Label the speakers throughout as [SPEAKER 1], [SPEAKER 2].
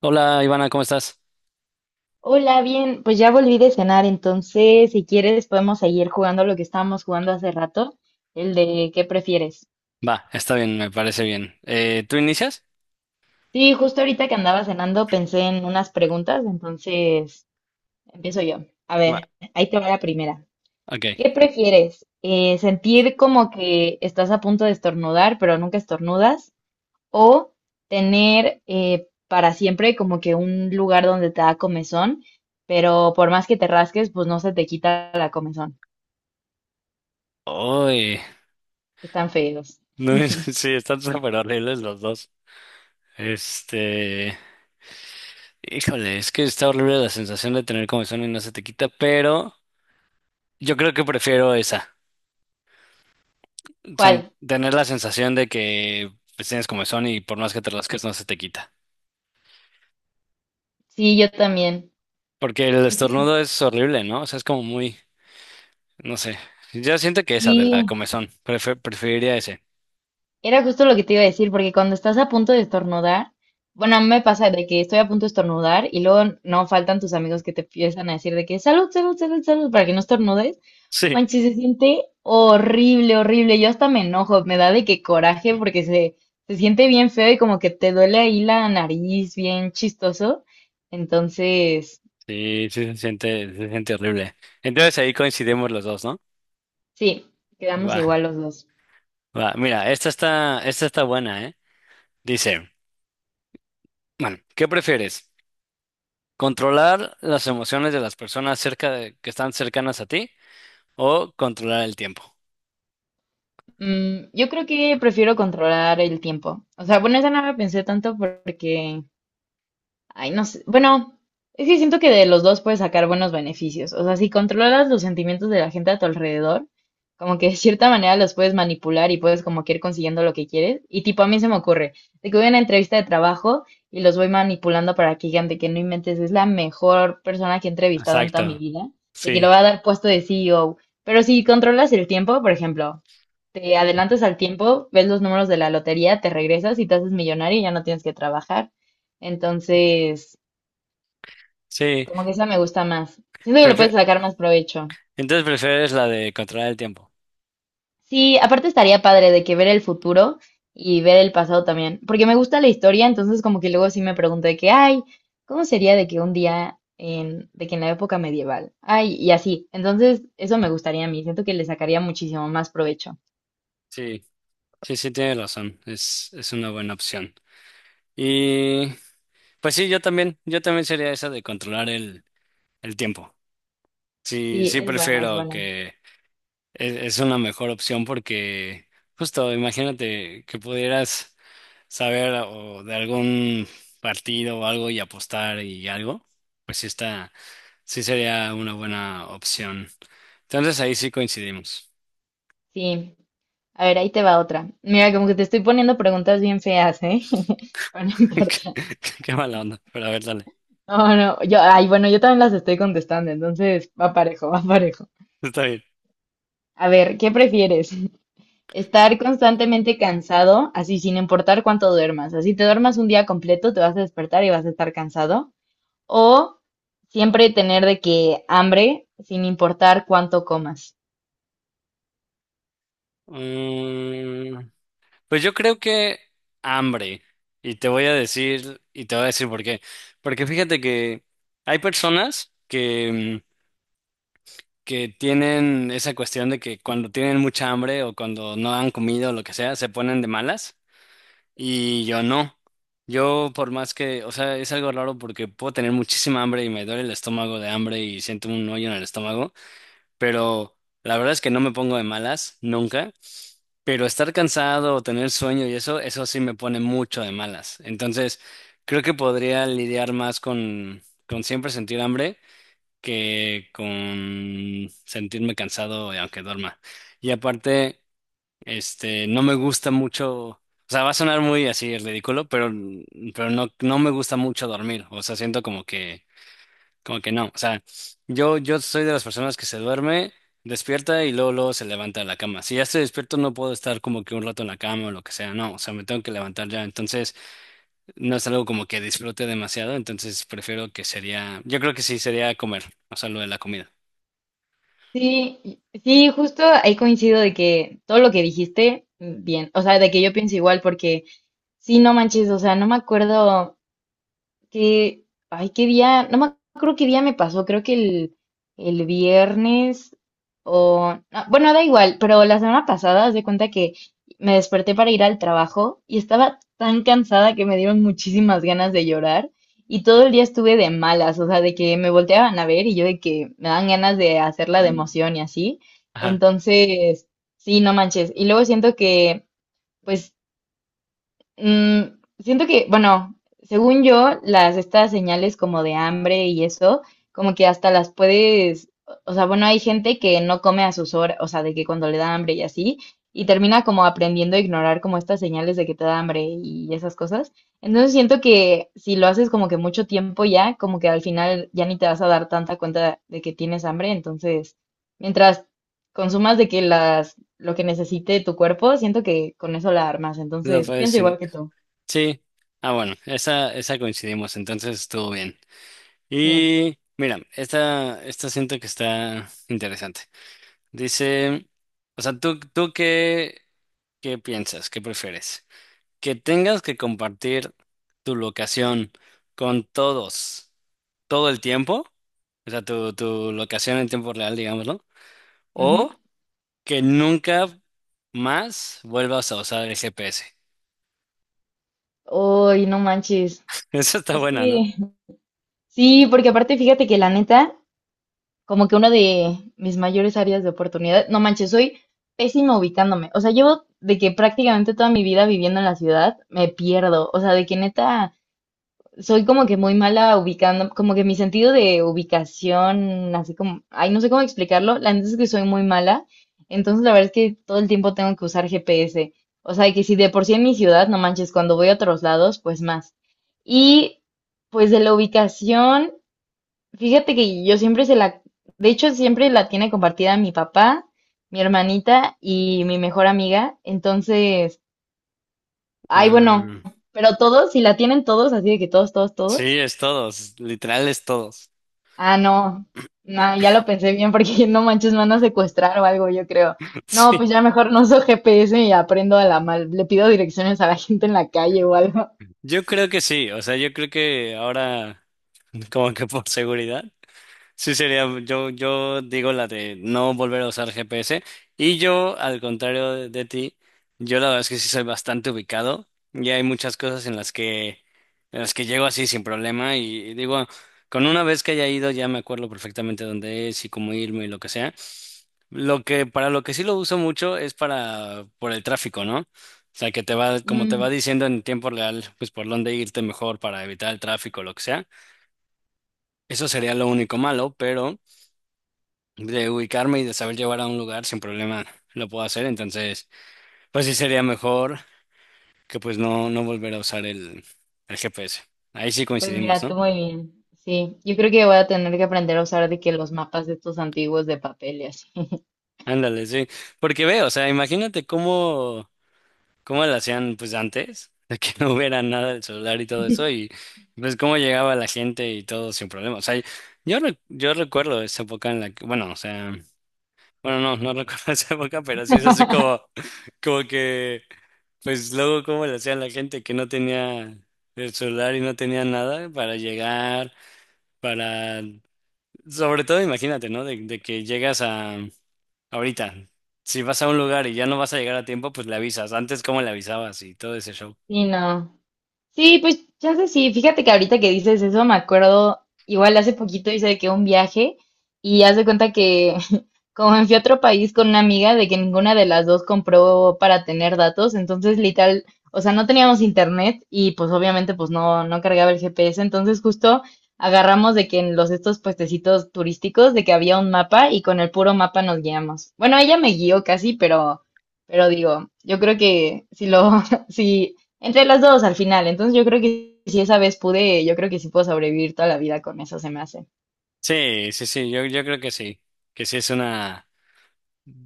[SPEAKER 1] Hola Ivana, ¿cómo estás?
[SPEAKER 2] Hola, bien, pues ya volví de cenar, entonces si quieres podemos seguir jugando lo que estábamos jugando hace rato, el de ¿qué prefieres?
[SPEAKER 1] Va, está bien, me parece bien. ¿Tú inicias?
[SPEAKER 2] Sí, justo ahorita que andaba cenando pensé en unas preguntas, entonces empiezo yo. A
[SPEAKER 1] Va,
[SPEAKER 2] ver, ahí te va la primera.
[SPEAKER 1] ok.
[SPEAKER 2] ¿Qué prefieres? ¿Sentir como que estás a punto de estornudar, pero nunca estornudas? ¿O tener para siempre como que un lugar donde te da comezón, pero por más que te rasques, pues no se te quita la comezón?
[SPEAKER 1] Uy,
[SPEAKER 2] Están feos.
[SPEAKER 1] no, sí, están súper horribles los dos. Este, híjole, es que está horrible la sensación de tener comezón y no se te quita, pero yo creo que prefiero esa,
[SPEAKER 2] ¿Cuál?
[SPEAKER 1] tener la sensación de que pues, tienes comezón y por más que te rasques no se te quita.
[SPEAKER 2] Sí, yo también.
[SPEAKER 1] Porque el
[SPEAKER 2] Es que
[SPEAKER 1] estornudo es horrible, ¿no? O sea, es como muy, no sé. Yo siento que esa de la
[SPEAKER 2] sí,
[SPEAKER 1] comezón, preferiría ese.
[SPEAKER 2] era justo lo que te iba a decir, porque cuando estás a punto de estornudar, bueno, a mí me pasa de que estoy a punto de estornudar y luego no faltan tus amigos que te empiezan a decir de que salud, salud, salud, salud, para que no estornudes. No
[SPEAKER 1] Sí,
[SPEAKER 2] Manches, se siente horrible, horrible. Yo hasta me enojo, me da de que coraje porque se siente bien feo y como que te duele ahí la nariz, bien chistoso. Entonces,
[SPEAKER 1] sí, sí se siente horrible. Entonces ahí coincidimos los dos, ¿no?
[SPEAKER 2] sí, quedamos
[SPEAKER 1] Va,
[SPEAKER 2] igual los dos.
[SPEAKER 1] va. Mira, esta está buena, ¿eh? Dice, bueno, ¿qué prefieres? ¿Controlar las emociones de las personas que están cercanas a ti o controlar el tiempo?
[SPEAKER 2] Mm, yo creo que prefiero controlar el tiempo. O sea, bueno, esa no la pensé tanto porque, ay, no sé. Bueno, es que siento que de los dos puedes sacar buenos beneficios. O sea, si controlas los sentimientos de la gente a tu alrededor, como que de cierta manera los puedes manipular y puedes como que ir consiguiendo lo que quieres. Y tipo, a mí se me ocurre, de que voy a una entrevista de trabajo y los voy manipulando para que digan de que no inventes, es la mejor persona que he entrevistado en toda mi
[SPEAKER 1] Exacto.
[SPEAKER 2] vida, de que le
[SPEAKER 1] Sí,
[SPEAKER 2] voy a dar puesto de CEO. Pero si controlas el tiempo, por ejemplo, te adelantas al tiempo, ves los números de la lotería, te regresas y te haces millonario y ya no tienes que trabajar. Entonces,
[SPEAKER 1] sí.
[SPEAKER 2] como que esa me gusta más. Siento que le puedes
[SPEAKER 1] Prefe-
[SPEAKER 2] sacar más provecho.
[SPEAKER 1] Entonces prefieres la de controlar el tiempo.
[SPEAKER 2] Sí, aparte estaría padre de que ver el futuro y ver el pasado también, porque me gusta la historia, entonces como que luego sí me pregunto de que, ay, ¿cómo sería de que un día en, de que en la época medieval? Ay, y así. Entonces, eso me gustaría a mí, siento que le sacaría muchísimo más provecho.
[SPEAKER 1] Sí, sí, sí, tienes razón. Es una buena opción. Y pues sí, yo también sería esa de controlar el tiempo. Sí,
[SPEAKER 2] Sí,
[SPEAKER 1] sí
[SPEAKER 2] es buena, es
[SPEAKER 1] prefiero
[SPEAKER 2] buena.
[SPEAKER 1] que es una mejor opción porque justo imagínate que pudieras saber o de algún partido o algo y apostar y algo, pues sí está, sí sería una buena opción. Entonces ahí sí coincidimos.
[SPEAKER 2] Sí. A ver, ahí te va otra. Mira, como que te estoy poniendo preguntas bien feas, ¿eh? Pero no importa.
[SPEAKER 1] Qué, qué mala onda, pero a ver, dale.
[SPEAKER 2] No, no, yo, ay, bueno, yo también las estoy contestando, entonces va parejo, va parejo.
[SPEAKER 1] Está bien.
[SPEAKER 2] A ver, ¿qué prefieres? ¿Estar constantemente cansado, así sin importar cuánto duermas? Así te duermas un día completo, te vas a despertar y vas a estar cansado. ¿O siempre tener de que hambre, sin importar cuánto comas?
[SPEAKER 1] Mm, pues yo creo que hambre. Y te voy a decir, y te voy a decir por qué. Porque fíjate que hay personas que que tienen esa cuestión de que cuando tienen mucha hambre o cuando no han comido o lo que sea, se ponen de malas y yo no. Yo por más que, o sea, es algo raro porque puedo tener muchísima hambre y me duele el estómago de hambre y siento un hoyo en el estómago, pero la verdad es que no me pongo de malas nunca. Pero estar cansado o tener sueño y eso sí me pone mucho de malas. Entonces, creo que podría lidiar más con siempre sentir hambre que con sentirme cansado y aunque duerma. Y aparte, no me gusta mucho, o sea, va a sonar muy así ridículo, pero no, no me gusta mucho dormir. O sea, siento como que no. O sea, yo soy de las personas que se duerme, despierta y luego, luego se levanta de la cama. Si ya estoy despierto, no puedo estar como que un rato en la cama o lo que sea. No, o sea, me tengo que levantar ya. Entonces, no es algo como que disfrute demasiado. Entonces, prefiero que sería, yo creo que sí sería comer, o sea, lo de la comida.
[SPEAKER 2] Sí, y- sí, justo ahí coincido de que todo lo que dijiste, bien, o sea, de que yo pienso igual porque... Sí, no manches, o sea, no me acuerdo qué, ay, qué día, no me acuerdo qué día me pasó, creo que el viernes o, ah, bueno, da igual, pero la semana pasada, haz de cuenta que me desperté para ir al trabajo y estaba tan cansada que me dieron muchísimas ganas de llorar y todo el día estuve de malas, o sea, de que me volteaban a ver y yo de que me dan ganas de hacerla de emoción y así.
[SPEAKER 1] Ajá,
[SPEAKER 2] Entonces, sí, no manches. Y luego siento que... Pues mm, siento que, bueno, según yo, las estas señales como de hambre y eso, como que hasta las puedes, o sea, bueno, hay gente que no come a sus horas, o sea, de que cuando le da hambre y así, y termina como aprendiendo a ignorar como estas señales de que te da hambre y esas cosas. Entonces siento que si lo haces como que mucho tiempo ya, como que al final ya ni te vas a dar tanta cuenta de que tienes hambre, entonces, mientras consumas de que las lo que necesite tu cuerpo, siento que con eso la armas.
[SPEAKER 1] lo
[SPEAKER 2] Entonces, pienso
[SPEAKER 1] puedes
[SPEAKER 2] igual que tú.
[SPEAKER 1] sí. Ah, bueno, esa coincidimos, entonces estuvo bien.
[SPEAKER 2] Sí.
[SPEAKER 1] Y mira, esta siento que está interesante. Dice, o sea, ¿tú, tú qué, qué piensas? ¿Qué prefieres? ¿Que tengas que compartir tu locación con todos todo el tiempo? O sea, tu locación en tiempo real, digámoslo.
[SPEAKER 2] Ujú.
[SPEAKER 1] O que nunca más vuelvas a usar el GPS.
[SPEAKER 2] Uy, no manches.
[SPEAKER 1] Eso está
[SPEAKER 2] Es
[SPEAKER 1] buena, ¿no?
[SPEAKER 2] que sí, porque aparte fíjate que la neta, como que una de mis mayores áreas de oportunidad, no manches, soy pésima ubicándome. O sea, llevo de que prácticamente toda mi vida viviendo en la ciudad, me pierdo. O sea, de que neta soy como que muy mala ubicando, como que mi sentido de ubicación, así como, ay, no sé cómo explicarlo, la neta es que soy muy mala, entonces la verdad es que todo el tiempo tengo que usar GPS, o sea, que si de por sí en mi ciudad, no manches, cuando voy a otros lados, pues más. Y pues de la ubicación, fíjate que yo siempre se la, de hecho siempre la tiene compartida mi papá, mi hermanita y mi mejor amiga, entonces, ay, bueno,
[SPEAKER 1] Ah.
[SPEAKER 2] pero todos, si la tienen todos, así de que todos, todos,
[SPEAKER 1] Sí,
[SPEAKER 2] todos.
[SPEAKER 1] es todos, literal es todos.
[SPEAKER 2] Ah, no. No, ya lo pensé bien porque no manches, me van a secuestrar o algo, yo creo. No,
[SPEAKER 1] Sí,
[SPEAKER 2] pues ya mejor no uso GPS y aprendo a la mal. Le pido direcciones a la gente en la calle o algo.
[SPEAKER 1] yo creo que sí, o sea, yo creo que ahora, como que por seguridad. Sí, sería, yo digo la de no volver a usar GPS. Y yo, al contrario de ti, yo la verdad es que sí soy bastante ubicado. Y hay muchas cosas en las que llego así sin problema. Y digo, con una vez que haya ido, ya me acuerdo perfectamente dónde es y cómo irme y lo que sea. Lo que, para lo que sí lo uso mucho es para, por el tráfico, ¿no? O sea, que te va, como te va
[SPEAKER 2] Mm,
[SPEAKER 1] diciendo en tiempo real, pues por dónde irte mejor para evitar el tráfico, lo que sea. Eso sería lo único malo, pero de ubicarme y de saber llevar a un lugar sin problema lo puedo hacer. Entonces, pues sí sería mejor que pues no, no volver a usar el GPS. Ahí sí
[SPEAKER 2] pues
[SPEAKER 1] coincidimos,
[SPEAKER 2] mira, tú
[SPEAKER 1] ¿no?
[SPEAKER 2] muy bien. Sí, yo creo que voy a tener que aprender a usar de que los mapas de estos antiguos de papel y así.
[SPEAKER 1] Ándale, sí. Porque veo, o sea, imagínate cómo, cómo lo hacían pues antes, de que no hubiera nada del celular y todo eso, y pues cómo llegaba la gente y todo sin problema. O sea, yo, yo recuerdo esa época en la que, bueno, o sea... Bueno, no, no recuerdo esa época, pero sí es así como, como que, pues luego como le hacían la gente que no tenía el celular y no tenía nada para llegar, para, sobre todo imagínate, ¿no? De que llegas a, ahorita, si vas a un lugar y ya no vas a llegar a tiempo, pues le avisas. Antes, ¿cómo le avisabas y todo ese show?
[SPEAKER 2] Sí, no. Sí, pues ya sé, sí. Fíjate que ahorita que dices eso, me acuerdo, igual hace poquito hice de que un viaje y haz de cuenta que como me fui a otro país con una amiga de que ninguna de las dos compró para tener datos, entonces literal, o sea, no teníamos internet y pues obviamente pues no, no cargaba el GPS, entonces justo agarramos de que en los estos puestecitos turísticos de que había un mapa y con el puro mapa nos guiamos. Bueno, ella me guió casi, pero digo, yo creo que si lo, si entre las dos al final. Entonces yo creo que si esa vez pude, yo creo que sí puedo sobrevivir toda la vida con eso, se me hace.
[SPEAKER 1] Sí, sí, sí, yo creo que sí es una,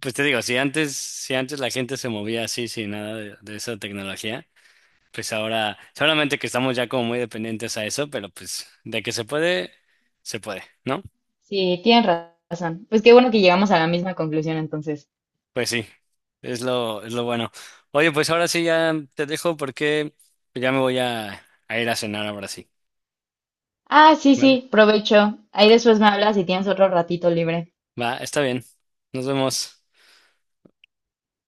[SPEAKER 1] pues te digo, si antes, si antes la gente se movía así sin nada de de esa tecnología. Pues ahora, solamente que estamos ya como muy dependientes a eso, pero pues de que se puede, ¿no?
[SPEAKER 2] Sí, tienes ra- razón. Pues qué bueno que llegamos a la misma conclusión entonces.
[SPEAKER 1] Pues sí, es lo bueno. Oye, pues ahora sí ya te dejo porque ya me voy a ir a cenar ahora sí.
[SPEAKER 2] Ah, sí,
[SPEAKER 1] ¿Vale?
[SPEAKER 2] sí, provecho. Ahí después me hablas si tienes otro ratito libre.
[SPEAKER 1] Va, está bien. Nos vemos.